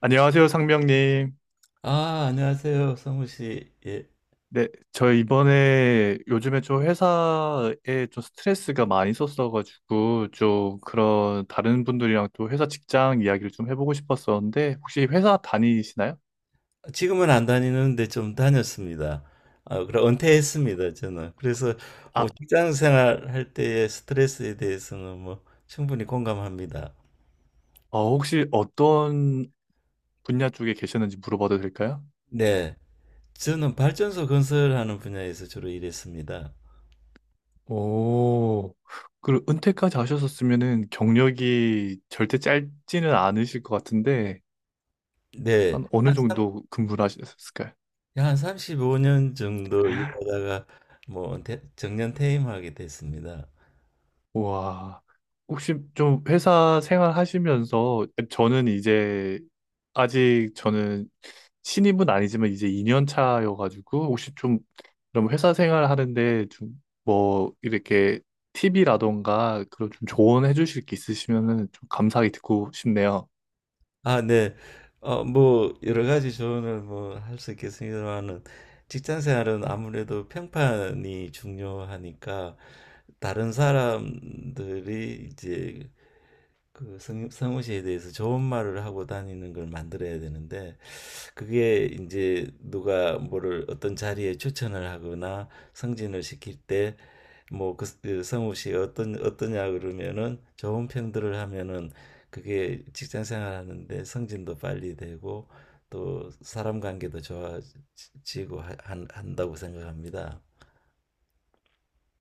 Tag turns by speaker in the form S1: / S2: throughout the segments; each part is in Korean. S1: 안녕하세요, 상명님.
S2: 아, 안녕하세요, 성우 씨. 예.
S1: 네, 저 이번에 요즘에 좀 회사에 좀 스트레스가 많이 있었어가지고 좀 그런 다른 분들이랑 또 회사 직장 이야기를 좀 해보고 싶었었는데 혹시 회사 다니시나요?
S2: 지금은 안 다니는데 좀 다녔습니다. 아, 그래, 은퇴했습니다, 저는. 그래서
S1: 아,
S2: 뭐 직장 생활할 때의 스트레스에 대해서는 뭐 충분히 공감합니다.
S1: 혹시 어떤 분야 쪽에 계셨는지 물어봐도 될까요?
S2: 네. 저는 발전소 건설하는 분야에서 주로 일했습니다.
S1: 오, 그리고 은퇴까지 하셨었으면은 경력이 절대 짧지는 않으실 것 같은데
S2: 네.
S1: 한 어느 정도 근무를 하셨을까요?
S2: 한 35년 정도 일하다가 뭐 정년 퇴임하게 됐습니다.
S1: 와, 혹시 좀 회사 생활하시면서 저는 이제 아직 저는 신입은 아니지만 이제 2년 차여가지고 혹시 좀 그럼 회사 생활하는데 좀 뭐 이렇게 팁이라던가 그런 좀 조언해 주실 게 있으시면은 좀 감사하게 듣고 싶네요.
S2: 아, 네. 뭐 여러 가지 조언을 뭐 할 수 있겠습니다만은 직장 생활은 아무래도 평판이 중요하니까 다른 사람들이 이제 그 성우 씨에 대해서 좋은 말을 하고 다니는 걸 만들어야 되는데, 그게 이제 누가 뭐를 어떤 자리에 추천을 하거나 승진을 시킬 때, 뭐 그 성우 씨가 어떤 어떠냐 그러면은 좋은 평들을 하면은 그게 직장 생활하는데 승진도 빨리 되고 또 사람 관계도 좋아지고 한다고 생각합니다.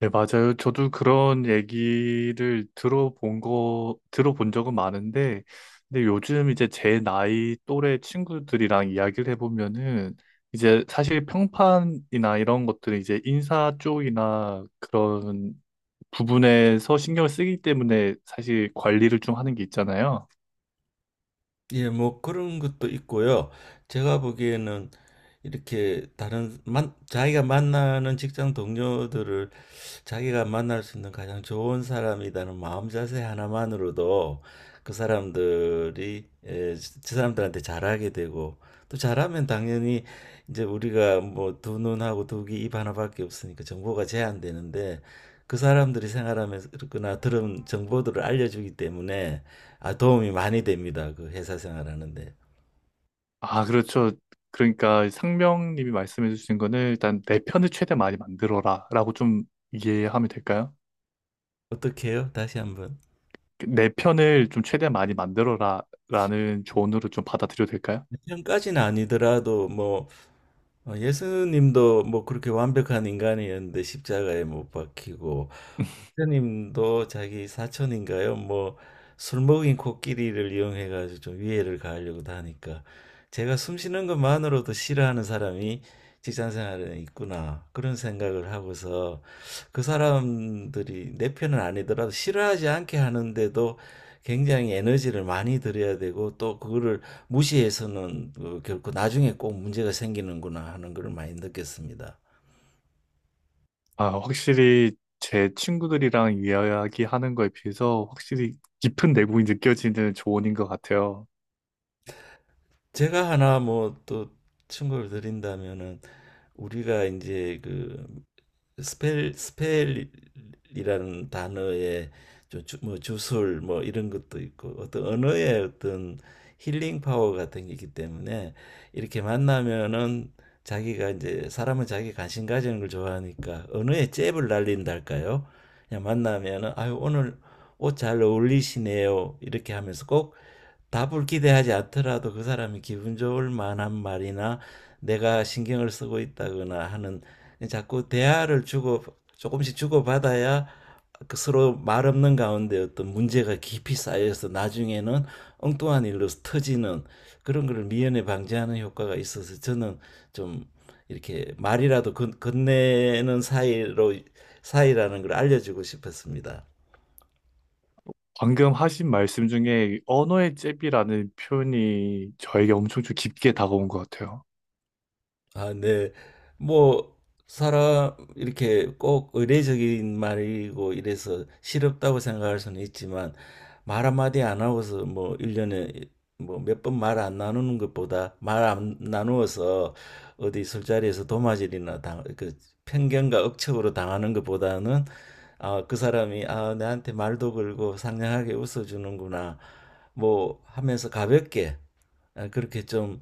S1: 네, 맞아요. 저도 그런 얘기를 들어본 적은 많은데, 근데 요즘 이제 제 나이 또래 친구들이랑 이야기를 해보면은, 이제 사실 평판이나 이런 것들은 이제 인사 쪽이나 그런 부분에서 신경을 쓰기 때문에 사실 관리를 좀 하는 게 있잖아요.
S2: 예, 뭐 그런 것도 있고요. 제가 보기에는 이렇게 자기가 만나는 직장 동료들을 자기가 만날 수 있는 가장 좋은 사람이라는 마음 자세 하나만으로도 그 사람들이 저 사람들한테 잘하게 되고, 또 잘하면 당연히 이제 우리가 뭐 두 눈하고 두 귀 입 하나밖에 없으니까 정보가 제한되는데, 그 사람들이 생활하면서나 들은 정보들을 알려주기 때문에 아, 도움이 많이 됩니다. 그 회사 생활하는데.
S1: 아, 그렇죠. 그러니까 상명님이 말씀해 주신 거는 일단 내 편을 최대 많이 만들어라 라고 좀 이해하면 될까요?
S2: 어떻게 해요? 다시 한번.
S1: 내 편을 좀 최대한 많이 만들어라 라는 조언으로 좀 받아들여도 될까요?
S2: 평까지는 아니더라도 뭐 예수님도 뭐 그렇게 완벽한 인간이었는데 십자가에 못 박히고, 사님도 자기 사촌인가요? 뭐 술 먹인 코끼리를 이용해 가지고 좀 위해를 가하려고 하니까 제가 숨 쉬는 것만으로도 싫어하는 사람이 직장 생활에 있구나 그런 생각을 하고서, 그 사람들이 내 편은 아니더라도 싫어하지 않게 하는데도 굉장히 에너지를 많이 들여야 되고, 또 그거를 무시해서는 결코 나중에 꼭 문제가 생기는구나 하는 걸 많이 느꼈습니다.
S1: 아, 확실히 제 친구들이랑 이야기하는 거에 비해서 확실히 깊은 내공이 느껴지는 조언인 것 같아요.
S2: 제가 하나 뭐 또 충고를 드린다면은, 우리가 이제 그 스펠 스펠이라는 단어의 뭐 주술 뭐 이런 것도 있고, 어떤 언어의 어떤 힐링 파워 같은 게 있기 때문에 이렇게 만나면은 자기가 이제, 사람은 자기 관심 가지는 걸 좋아하니까, 언어에 잽을 날린달까요? 그냥 만나면은 아유 오늘 옷 잘 어울리시네요 이렇게 하면서, 꼭 답을 기대하지 않더라도 그 사람이 기분 좋을 만한 말이나 내가 신경을 쓰고 있다거나 하는, 자꾸 대화를 주고 조금씩 주고받아야 그 서로 말 없는 가운데 어떤 문제가 깊이 쌓여서 나중에는 엉뚱한 일로 터지는 그런 걸 미연에 방지하는 효과가 있어서, 저는 좀 이렇게 말이라도 건네는 사이로, 사이라는 걸 알려주고 싶었습니다.
S1: 방금 하신 말씀 중에 언어의 잽이라는 표현이 저에게 엄청 좀 깊게 다가온 것 같아요.
S2: 아, 네. 뭐 사람 이렇게 꼭 의례적인 말이고 이래서 싫었다고 생각할 수는 있지만, 말 한마디 안 하고서 뭐 일년에 뭐 몇 번 말 안 나누는 것보다, 말 안 나누어서 어디 술자리에서 그 편견과 억측으로 당하는 것보다는 아, 그 사람이 아, 내한테 말도 걸고 상냥하게 웃어주는구나 뭐 하면서 가볍게, 아, 그렇게 좀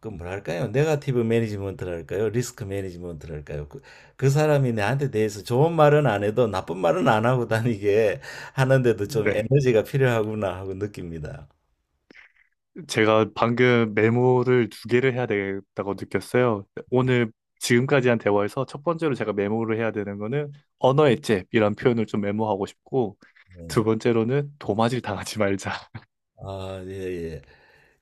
S2: 그 뭐랄까요? 네가티브 매니지먼트랄까요? 리스크 매니지먼트랄까요? 그 사람이 나한테 대해서 좋은 말은 안 해도 나쁜 말은 안 하고 다니게 하는데도 좀
S1: 네.
S2: 에너지가 필요하구나 하고 느낍니다.
S1: 제가 방금 메모를 두 개를 해야 되겠다고 느꼈어요. 오늘 지금까지 한 대화에서 첫 번째로 제가 메모를 해야 되는 거는 언어의 잽이란 표현을 좀 메모하고 싶고,
S2: 네.
S1: 두 번째로는 도마질 당하지 말자.
S2: 아, 예, 예.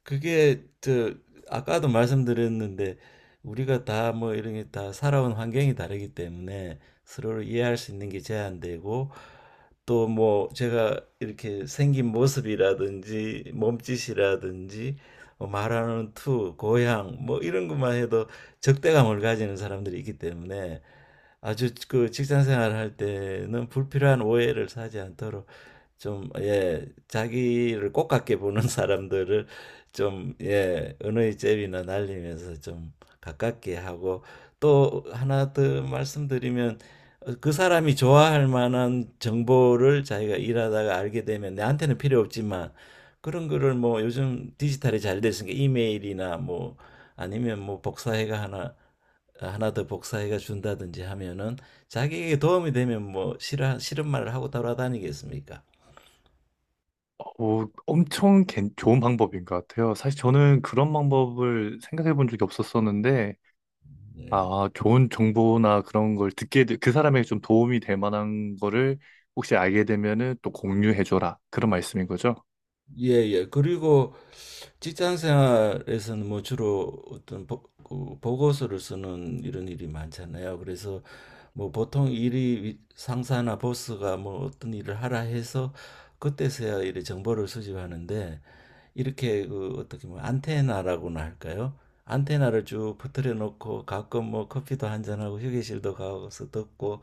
S2: 그게 저 아까도 말씀드렸는데, 우리가 다 뭐 이런 게 다 살아온 환경이 다르기 때문에 서로를 이해할 수 있는 게 제한되고, 또 뭐 제가 이렇게 생긴 모습이라든지 몸짓이라든지 말하는 투, 고향 뭐 이런 것만 해도 적대감을 가지는 사람들이 있기 때문에, 아주 그 직장 생활할 때는 불필요한 오해를 사지 않도록 좀, 예, 자기를 꼭 같게 보는 사람들을 좀, 예, 은의 제비나 날리면서 좀 가깝게 하고. 또 하나 더 말씀드리면 그 사람이 좋아할 만한 정보를 자기가 일하다가 알게 되면 내한테는 필요 없지만, 그런 거를 뭐 요즘 디지털이 잘 됐으니까 이메일이나 뭐 아니면 뭐 복사해가 하나 하나 더 복사해가 준다든지 하면은, 자기에게 도움이 되면 뭐 싫어 싫은 말을 하고 돌아다니겠습니까?
S1: 엄청 좋은 방법인 것 같아요. 사실 저는 그런 방법을 생각해 본 적이 없었었는데,
S2: 예.
S1: 아, 좋은 정보나 그런 걸 그 사람에게 좀 도움이 될 만한 거를 혹시 알게 되면은 또 공유해 줘라. 그런 말씀인 거죠?
S2: 예, 예. 그리고 직장 생활에서는 뭐 주로 그 보고서를 쓰는 이런 일이 많잖아요. 그래서 뭐 보통 상사나 보스가 뭐 어떤 일을 하라 해서 그때서야 이렇게 정보를 수집하는데, 이렇게 그 어떻게 뭐 안테나라고나 할까요? 안테나를 쭉 퍼뜨려 놓고 가끔 뭐 커피도 한잔하고 휴게실도 가서 듣고,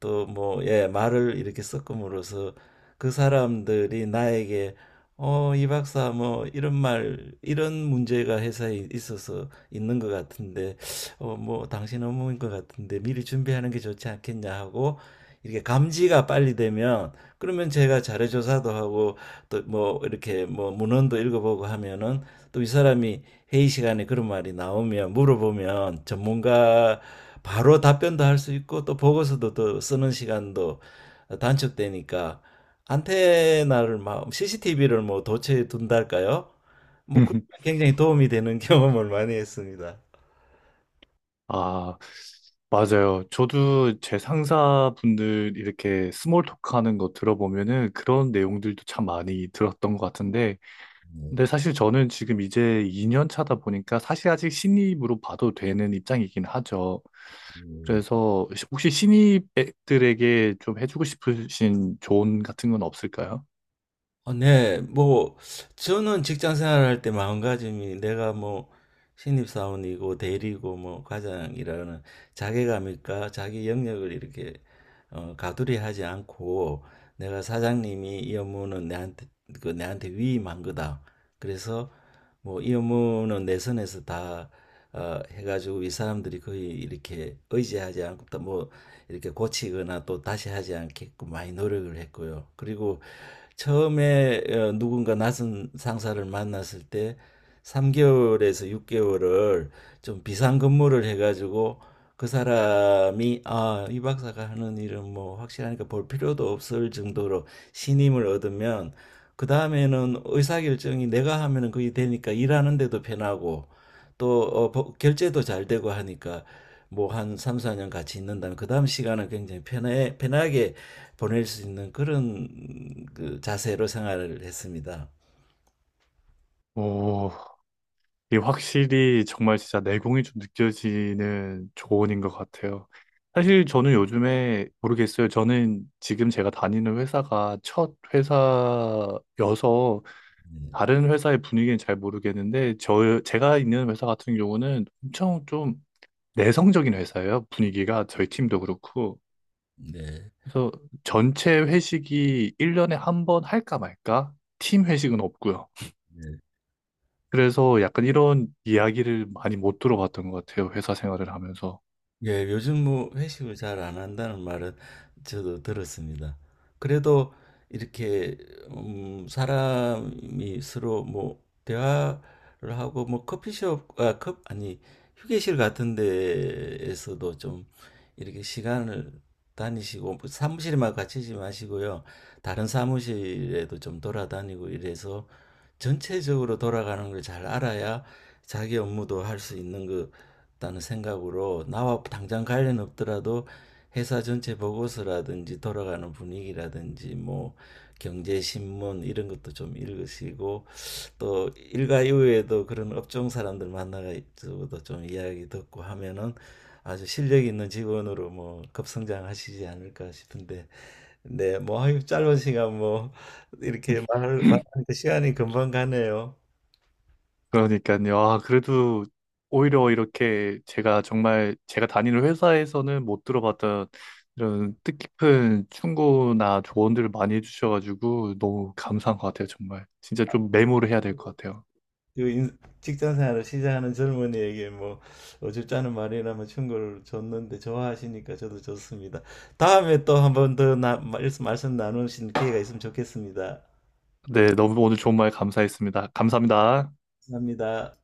S2: 또 뭐 예 말을 이렇게 섞음으로써 그 사람들이 나에게 어, 이 박사, 뭐, 이런 문제가 회사에 있어서 있는 것 같은데, 어, 뭐, 당신 업무인 것 같은데, 미리 준비하는 게 좋지 않겠냐 하고, 이렇게 감지가 빨리 되면, 그러면 제가 자료 조사도 하고, 또 뭐, 이렇게 뭐, 문헌도 읽어보고 하면은, 또 이 사람이 회의 시간에 그런 말이 나오면, 물어보면, 전문가 바로 답변도 할 수 있고, 또 보고서도 또 쓰는 시간도 단축되니까, 안테나를 막 CCTV를 뭐 도처에 둔달까요? 뭐 그런 굉장히 도움이 되는 경험을 많이 했습니다.
S1: 아, 맞아요. 저도 제 상사분들 이렇게 스몰 토크 하는 거 들어보면은 그런 내용들도 참 많이 들었던 것 같은데, 근데 사실 저는 지금 이제 2년 차다 보니까 사실 아직 신입으로 봐도 되는 입장이긴 하죠. 그래서 혹시 신입들에게 좀 해주고 싶으신 조언 같은 건 없을까요?
S2: 어, 네, 뭐, 저는 직장 생활할 때 마음가짐이 내가 뭐, 신입사원이고, 대리고, 뭐, 과장이라는 자괴감일까, 자기 영역을 이렇게, 어, 가두리 하지 않고, 내가 사장님이 이 업무는 내한테, 그, 내한테 위임한 거다. 그래서, 뭐, 이 업무는 내 선에서 다, 어, 해가지고, 이 사람들이 거의 이렇게 의지하지 않고, 또 뭐, 이렇게 고치거나 또 다시 하지 않게끔 많이 노력을 했고요. 그리고, 처음에 누군가 낯선 상사를 만났을 때 3개월에서 6개월을 좀 비상근무를 해가지고, 그 사람이 아, 이 박사가 하는 일은 뭐 확실하니까 볼 필요도 없을 정도로 신임을 얻으면, 그 다음에는 의사결정이 내가 하면은 그게 되니까 일하는데도 편하고, 또 어, 결제도 잘 되고 하니까 뭐 한 3, 4년 같이 있는다면 그 다음 시간은 굉장히 편하게 보낼 수 있는 그런 그 자세로 생활을 했습니다.
S1: 오, 이게 확실히 정말 진짜 내공이 좀 느껴지는 조언인 것 같아요. 사실 저는 요즘에 모르겠어요. 저는 지금 제가 다니는 회사가 첫 회사여서
S2: 네.
S1: 다른 회사의 분위기는 잘 모르겠는데 제가 있는 회사 같은 경우는 엄청 좀 내성적인 회사예요. 분위기가 저희 팀도 그렇고.
S2: 네.
S1: 그래서 전체 회식이 1년에 한 번 할까 말까? 팀 회식은 없고요.
S2: 네.
S1: 그래서 약간 이런 이야기를 많이 못 들어봤던 것 같아요. 회사 생활을 하면서.
S2: 예, 요즘 뭐 회식을 잘 안 한다는 말은 저도 들었습니다. 그래도 이렇게 사람이 서로 뭐 대화를 하고 뭐 커피숍 아, 컵 아니 휴게실 같은 데에서도 좀 이렇게 시간을 다니시고, 뭐 사무실에만 갇히지 마시고요. 다른 사무실에도 좀 돌아다니고 이래서 전체적으로 돌아가는 걸 잘 알아야 자기 업무도 할 수 있는 것 다는 생각으로, 나와 당장 관련 없더라도 회사 전체 보고서라든지 돌아가는 분위기라든지 뭐 경제 신문 이런 것도 좀 읽으시고, 또 일과 이후에도 그런 업종 사람들 만나가지고도 좀 이야기 듣고 하면은 아주 실력 있는 직원으로 뭐 급성장하시지 않을까 싶은데. 네, 뭐 짧은 시간 뭐 이렇게 말 말하니까 시간이 금방 가네요.
S1: 그러니까요. 아, 그래도 오히려 이렇게 제가 다니는 회사에서는 못 들어봤던 이런 뜻깊은 충고나 조언들을 많이 해주셔가지고 너무 감사한 것 같아요. 정말. 진짜 좀 메모를 해야 될 것 같아요.
S2: 직장 생활을 시작하는 젊은이에게 뭐 어줍잖은 말이라면 충고를 줬는데 좋아하시니까 저도 좋습니다. 다음에 또 한번 더 말씀 나누신 기회가 있으면 좋겠습니다.
S1: 네, 너무 오늘 좋은 말 감사했습니다. 감사합니다.
S2: 감사합니다.